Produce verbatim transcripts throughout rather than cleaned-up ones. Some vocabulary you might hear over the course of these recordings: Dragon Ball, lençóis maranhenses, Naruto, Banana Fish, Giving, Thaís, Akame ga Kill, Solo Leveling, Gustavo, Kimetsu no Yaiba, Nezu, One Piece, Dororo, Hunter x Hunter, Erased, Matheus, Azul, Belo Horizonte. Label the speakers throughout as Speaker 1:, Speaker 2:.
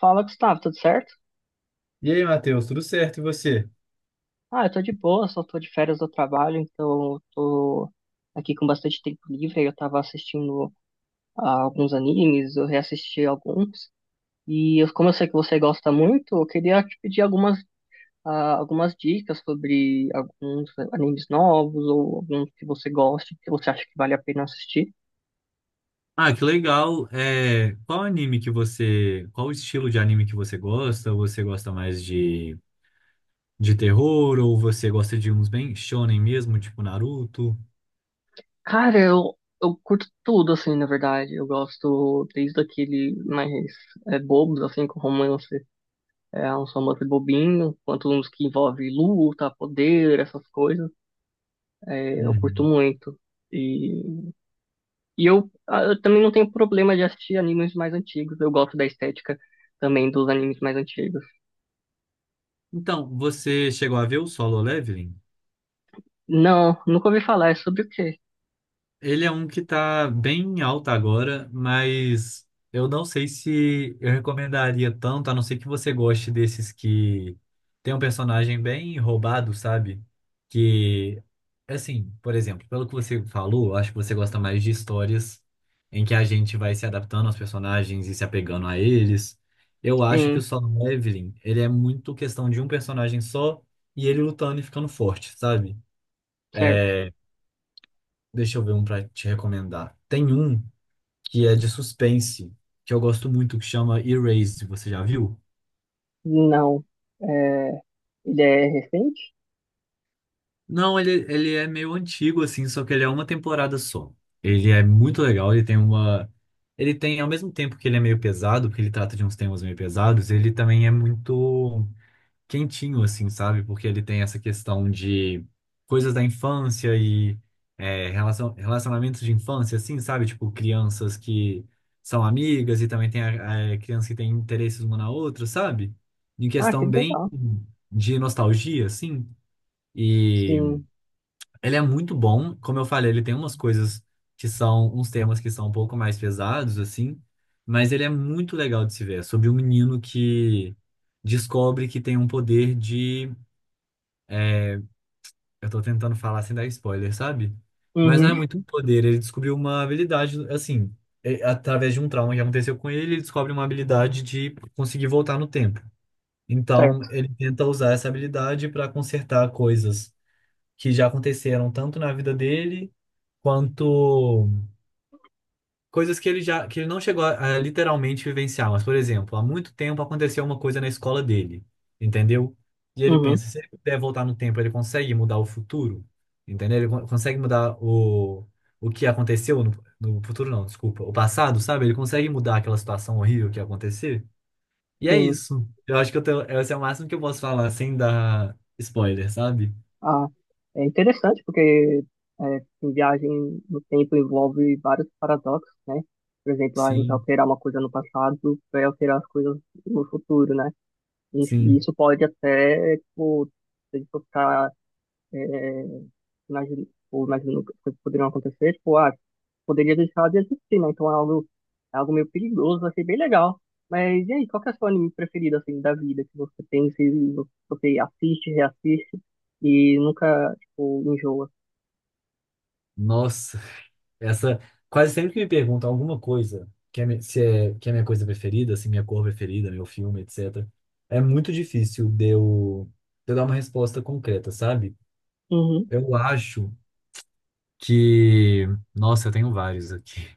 Speaker 1: Fala, Gustavo, tudo certo?
Speaker 2: E aí, Matheus, tudo certo? E você?
Speaker 1: Ah, eu tô de boa, só tô de férias do trabalho, então eu tô aqui com bastante tempo livre. Aí eu tava assistindo ah, alguns animes, eu reassisti alguns. E eu- como eu sei que você gosta muito, eu queria te pedir algumas, ah, algumas dicas sobre alguns animes novos ou alguns que você goste, que você acha que vale a pena assistir.
Speaker 2: Ah, que legal. É, qual anime que você, qual estilo de anime que você gosta? Você gosta mais de, de terror ou você gosta de uns bem shonen mesmo, tipo Naruto?
Speaker 1: Cara, eu, eu curto tudo, assim, na verdade. Eu gosto desde aquele mais é, bobos, assim, com romance. É um romance bobinho, quanto uns que envolve luta, poder, essas coisas. É, eu curto
Speaker 2: Uhum.
Speaker 1: muito. E, e eu, ah, eu também não tenho problema de assistir animes mais antigos. Eu gosto da estética também dos animes mais antigos.
Speaker 2: Então, você chegou a ver o Solo Leveling?
Speaker 1: Não, nunca ouvi falar. É sobre o quê?
Speaker 2: Ele é um que tá bem em alta agora, mas eu não sei se eu recomendaria tanto, a não ser que você goste desses que tem um personagem bem roubado, sabe? Que, assim, por exemplo, pelo que você falou, eu acho que você gosta mais de histórias em que a gente vai se adaptando aos personagens e se apegando a eles. Eu acho que
Speaker 1: Sim,
Speaker 2: o Solo Leveling, ele é muito questão de um personagem só e ele lutando e ficando forte, sabe?
Speaker 1: certo.
Speaker 2: É, Deixa eu ver um pra te recomendar. Tem um que é de suspense, que eu gosto muito, que chama Erased. Você já viu?
Speaker 1: Não. É, ele é recente?
Speaker 2: Não, ele, ele é meio antigo, assim, só que ele é uma temporada só. Ele é muito legal, ele tem uma. Ele tem, ao mesmo tempo que ele é meio pesado, porque ele trata de uns temas meio pesados, ele também é muito quentinho, assim, sabe? Porque ele tem essa questão de coisas da infância e é, relacion- relacionamentos de infância, assim, sabe? Tipo, crianças que são amigas e também tem a, a criança que tem interesses uma na outra, sabe? Em
Speaker 1: Ah, que
Speaker 2: questão bem
Speaker 1: legal.
Speaker 2: de nostalgia, assim. E
Speaker 1: Sim.
Speaker 2: ele é muito bom, como eu falei, ele tem umas coisas que são, uns temas que são um pouco mais pesados, assim, mas ele é muito legal de se ver. É sobre um menino que descobre que tem um poder de. Eu tô tentando falar sem dar spoiler, sabe? Mas não é
Speaker 1: Uhum,
Speaker 2: muito poder. Ele descobriu uma habilidade, assim, é, através de um trauma que aconteceu com ele, ele descobre uma habilidade de conseguir voltar no tempo. Então,
Speaker 1: certo.
Speaker 2: ele tenta usar essa habilidade para consertar coisas que já aconteceram tanto na vida dele quanto coisas que ele já que ele não chegou a, a literalmente vivenciar, mas por exemplo, há muito tempo aconteceu uma coisa na escola dele, entendeu? E ele
Speaker 1: Uhum,
Speaker 2: pensa, se ele puder voltar no tempo, ele consegue mudar o futuro, entendeu? Ele con- consegue mudar o o que aconteceu no, no futuro não, desculpa, o passado, sabe? Ele consegue mudar aquela situação horrível que ia acontecer. E é
Speaker 1: sim.
Speaker 2: isso. Eu acho que eu tenho, Esse é o máximo que eu posso falar sem dar spoiler, sabe?
Speaker 1: Ah, É interessante porque é, em viagem no tempo envolve vários paradoxos, né? Por exemplo, ah, você
Speaker 2: Sim,
Speaker 1: alterar uma coisa no passado vai alterar as coisas no futuro, né? E, e
Speaker 2: sim.
Speaker 1: isso pode até, tipo, se a gente for ficar é, nas, ou nas inúmeras coisas que poderiam acontecer, tipo, ah, poderia deixar de existir, né? Então é algo, é algo meio perigoso, achei bem legal. Mas e aí, qual que é o seu anime preferido, assim, da vida, que você pensa e você assiste, reassiste e nunca, tipo, enjoa?
Speaker 2: Nossa. Essa, Quase sempre que me perguntam alguma coisa, que é, mi- se é, que é minha coisa preferida, se é minha cor preferida, meu filme, et cetera. É muito difícil de eu, de eu dar uma resposta concreta, sabe?
Speaker 1: Uhum,
Speaker 2: Eu acho que. Nossa, eu tenho vários aqui.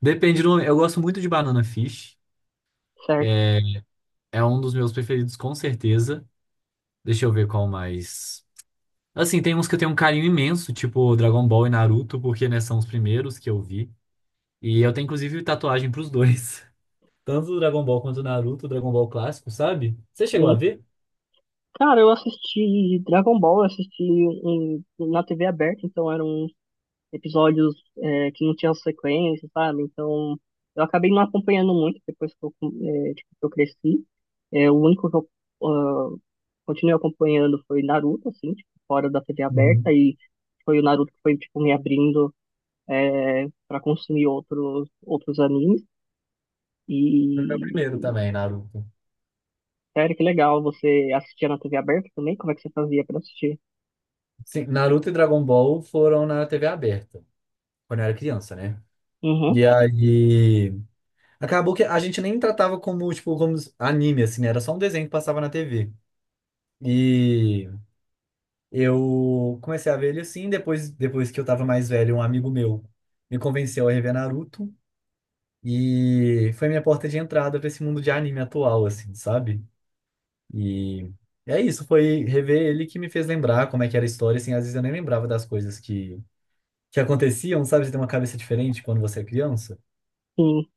Speaker 2: Depende do. Eu gosto muito de Banana Fish.
Speaker 1: certo,
Speaker 2: É é um dos meus preferidos, com certeza. Deixa eu ver qual mais. Assim, tem uns que eu tenho um carinho imenso, tipo Dragon Ball e Naruto, porque, né, são os primeiros que eu vi. E eu tenho, inclusive, tatuagem pros dois. Tanto do Dragon Ball quanto do Naruto, Dragon Ball clássico, sabe? Você chegou a
Speaker 1: sim.
Speaker 2: ver?
Speaker 1: Cara, eu assisti Dragon Ball, eu assisti em- na T V aberta, então era um episódios é, que não tinham sequência, sabe? Então, eu acabei não acompanhando muito depois que eu, é, tipo, que eu cresci. É, o único que eu ah, continuei acompanhando foi Naruto, assim, tipo, fora da T V
Speaker 2: Uhum.
Speaker 1: aberta, e foi o Naruto que foi, tipo, me abrindo é, para consumir outros, outros animes. E,
Speaker 2: Foi meu primeiro também, Naruto.
Speaker 1: sério, que legal, você assistia na T V aberta também? Como é que você fazia para assistir?
Speaker 2: Sim, Naruto e Dragon Ball foram na T V aberta, quando eu era criança, né?
Speaker 1: Uhum,
Speaker 2: E aí, acabou que a gente nem tratava como, tipo, como anime, assim, né? Era só um desenho que passava na T V. E eu comecei a ver ele assim, depois, depois que eu tava mais velho, um amigo meu me convenceu a rever Naruto. E foi minha porta de entrada pra esse mundo de anime atual, assim, sabe? E é isso, foi rever ele que me fez lembrar como é que era a história, assim, às vezes eu nem lembrava das coisas que, que aconteciam, sabe? Você tem uma cabeça diferente quando você é criança.
Speaker 1: sim.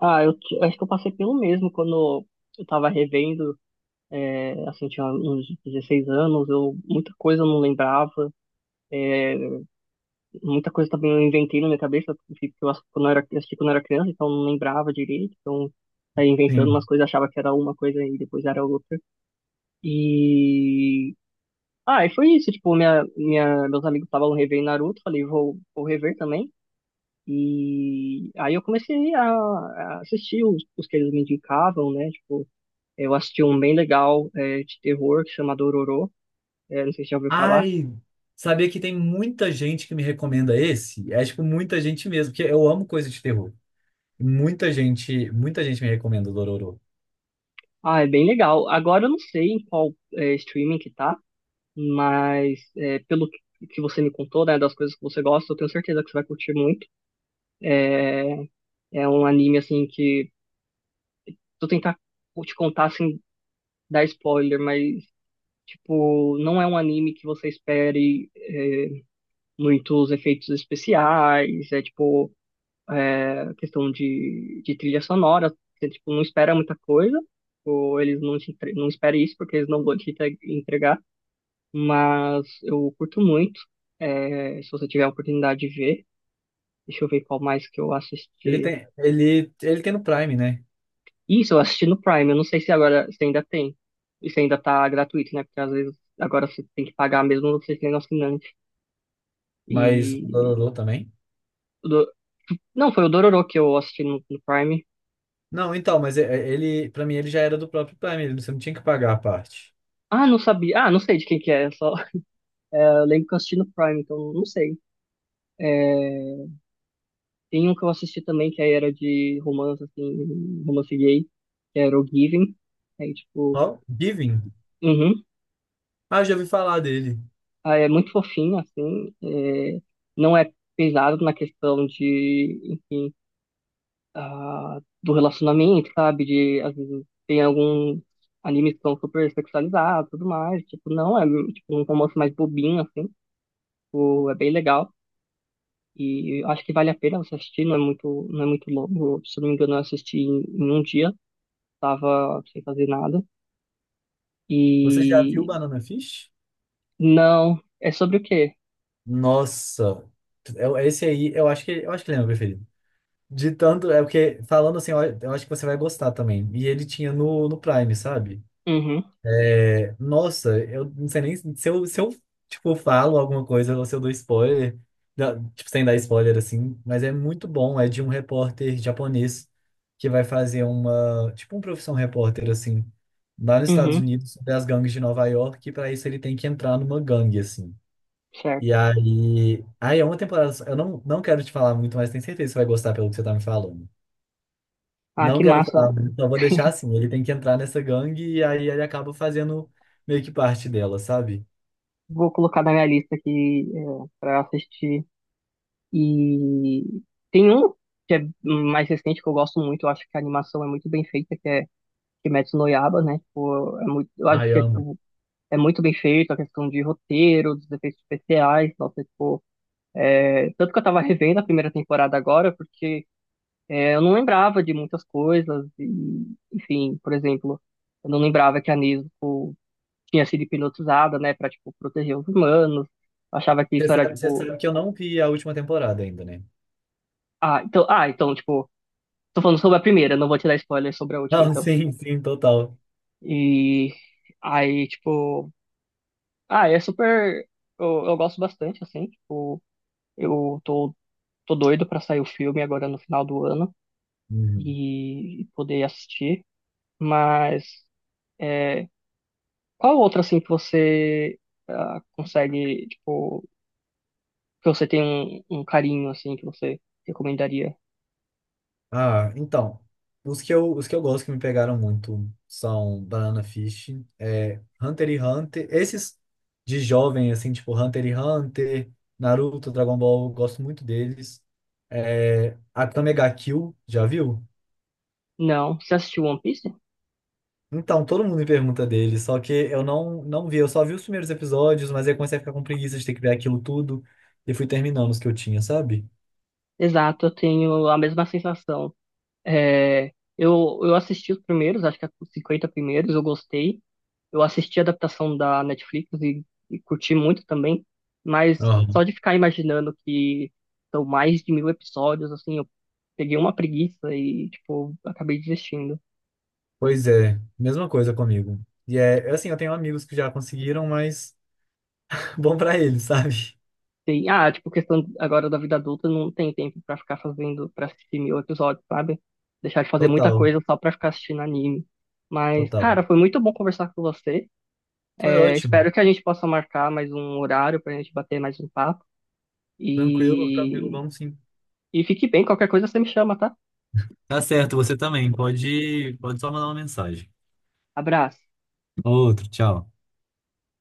Speaker 1: Ah, eu, t- eu acho que eu passei pelo mesmo quando eu tava revendo. É, assim, tinha uns dezesseis anos, eu muita coisa eu não lembrava, é, muita coisa também eu inventei na minha cabeça, porque eu assisti quando eu era, assisti quando eu era criança, então eu não lembrava direito, então saía inventando umas
Speaker 2: Sim.
Speaker 1: coisas, achava que era uma coisa e depois era outra. E. Ah, e foi isso, tipo, minha, minha, meus amigos estavam revendo Naruto, falei, vou, vou rever também. E aí eu comecei a, a assistir os, os que eles me indicavam, né? Tipo, eu assisti um bem legal, é, de terror, que chama Dororo. É, não sei se já ouviu falar.
Speaker 2: Ai, sabia que tem muita gente que me recomenda esse? É, tipo, muita gente mesmo, porque eu amo coisa de terror. Muita gente, muita gente me recomenda o Dororo.
Speaker 1: Ah, é bem legal. Agora eu não sei em qual é, streaming que tá, mas é, pelo que que você me contou, né, das coisas que você gosta, eu tenho certeza que você vai curtir muito. É, é um anime, assim, que... Se eu tentar te contar, sem dar spoiler, mas, tipo, não é um anime que você espere é, muitos efeitos especiais, é, tipo, a questão de, de trilha sonora. Você, tipo, não espera muita coisa, ou eles não, te entre- não esperam isso porque eles não vão te entre- entregar. Mas eu curto muito. É, se você tiver a oportunidade de ver, deixa eu ver qual mais que eu
Speaker 2: Ele
Speaker 1: assisti.
Speaker 2: tem, ele, ele tem no Prime, né?
Speaker 1: Isso, eu assisti no Prime. Eu não sei se agora se ainda tem. E se ainda tá gratuito, né? Porque às vezes agora você tem que pagar mesmo você sendo assinante.
Speaker 2: Mas o
Speaker 1: E.
Speaker 2: Dororo também.
Speaker 1: o do- Não, foi o Dororo que eu assisti no, no Prime.
Speaker 2: Não, então, mas é- é- ele, pra mim, ele já era do próprio Prime, ele- você não tinha que pagar a parte.
Speaker 1: Ah, não sabia. Ah, não sei de quem que é, só. É, eu lembro que eu assisti no Prime, então não sei. É, tem um que eu assisti também que aí era de romance, assim, romance gay, que era o Giving. Aí, tipo,
Speaker 2: Ó, Giving.
Speaker 1: uhum.
Speaker 2: Ah, já ouvi falar dele.
Speaker 1: Ah, é muito fofinho, assim. é, Não é pesado na questão de, enfim, ah, do relacionamento, sabe? De, às vezes, tem alguns animes que são super sexualizados e tudo mais. Tipo, não, é tipo, um romance mais bobinho, assim. Tipo, é bem legal. E eu acho que vale a pena você assistir, não é muito, não é muito longo. Se eu não me engano, eu assisti em, em um dia, tava sem fazer nada.
Speaker 2: Você já viu
Speaker 1: E
Speaker 2: Banana Fish?
Speaker 1: não, é sobre o quê?
Speaker 2: Nossa, eu- esse aí eu acho que eu acho que ele é meu preferido. De tanto, é porque falando assim, eu eu acho que você vai gostar também. E ele tinha no, no Prime, sabe?
Speaker 1: Uhum,
Speaker 2: É, nossa, eu não sei nem se eu, se eu, tipo falo alguma coisa ou se eu dou spoiler, da- tipo sem dar spoiler assim, mas é muito bom, é de um repórter japonês que vai fazer uma, tipo um profissão repórter assim, lá nos Estados
Speaker 1: uhum,
Speaker 2: Unidos, sobre as gangues de Nova York, e para isso ele tem que entrar numa gangue assim. E
Speaker 1: certo.
Speaker 2: aí. Aí é uma temporada só. Eu não, não quero te falar muito, mas tenho certeza que você vai gostar pelo que você tá me falando.
Speaker 1: Ah,
Speaker 2: Não
Speaker 1: que
Speaker 2: quero
Speaker 1: massa.
Speaker 2: falar muito, só vou deixar assim. Ele tem que entrar nessa gangue e aí ele acaba fazendo meio que parte dela, sabe?
Speaker 1: Vou colocar na minha lista aqui, é, pra assistir. E tem um que é mais recente que eu gosto muito, eu acho que a animação é muito bem feita, que é Kimetsu no Yaiba, né? Tipo, é muito, eu acho
Speaker 2: Ai,
Speaker 1: que
Speaker 2: eu
Speaker 1: é,
Speaker 2: amo.
Speaker 1: tipo, é muito bem feito a questão de roteiro, dos efeitos especiais, nossa, tipo, é, tanto que eu tava revendo a primeira temporada agora, porque é, eu não lembrava de muitas coisas, e, enfim, por exemplo, eu não lembrava que a Nezu tinha sido hipnotizada, né, pra, tipo, proteger os humanos, achava que
Speaker 2: Você
Speaker 1: isso era,
Speaker 2: sabe, você
Speaker 1: tipo,
Speaker 2: sabe que eu não vi a última temporada ainda, né?
Speaker 1: ah, então, ah, então, tipo, tô falando sobre a primeira, não vou te dar spoiler sobre a última,
Speaker 2: Não,
Speaker 1: então.
Speaker 2: sim, sim, total.
Speaker 1: E aí, tipo, ah, é super. Eu, eu gosto bastante, assim, tipo, eu tô, tô doido pra sair o filme agora no final do ano
Speaker 2: Uhum.
Speaker 1: e, poder assistir. Mas é, qual outra, assim, que você ah, consegue, tipo, que você tem um, um carinho, assim, que você recomendaria?
Speaker 2: Ah, então, os que eu, os que eu gosto que me pegaram muito são Banana Fish, é, Hunter x Hunter, esses de jovem, assim, tipo Hunter x Hunter, Naruto, Dragon Ball, eu gosto muito deles. É, Akame ga Kill, já viu?
Speaker 1: Não, você assistiu One Piece?
Speaker 2: Então, todo mundo me pergunta dele, só que eu não, não vi, eu só vi os primeiros episódios, mas aí eu comecei a ficar com preguiça de ter que ver aquilo tudo e fui terminando os que eu tinha, sabe?
Speaker 1: Exato, eu tenho a mesma sensação. É, eu, eu assisti os primeiros, acho que é os cinquenta primeiros, eu gostei. Eu assisti a adaptação da Netflix e, e curti muito também, mas
Speaker 2: Aham.
Speaker 1: só de ficar imaginando que são mais de mil episódios, assim, eu peguei uma preguiça e, tipo, acabei desistindo.
Speaker 2: Pois é, mesma coisa comigo. E é, assim, eu tenho amigos que já conseguiram, mas. Bom pra ele, sabe?
Speaker 1: Tem, ah, tipo, questão agora da vida adulta, não tem tempo pra ficar fazendo, pra assistir mil episódios, sabe? Deixar de fazer muita
Speaker 2: Total,
Speaker 1: coisa só pra ficar assistindo anime. Mas,
Speaker 2: total.
Speaker 1: cara, foi muito bom conversar com você.
Speaker 2: Foi
Speaker 1: É,
Speaker 2: ótimo.
Speaker 1: espero que a gente possa marcar mais um horário pra gente bater mais um papo.
Speaker 2: Tranquilo, tranquilo,
Speaker 1: E,
Speaker 2: vamos sim.
Speaker 1: e fique bem, qualquer coisa você me chama, tá?
Speaker 2: Tá certo, você também. Pode, pode só mandar uma mensagem.
Speaker 1: Abraço.
Speaker 2: Outro, tchau.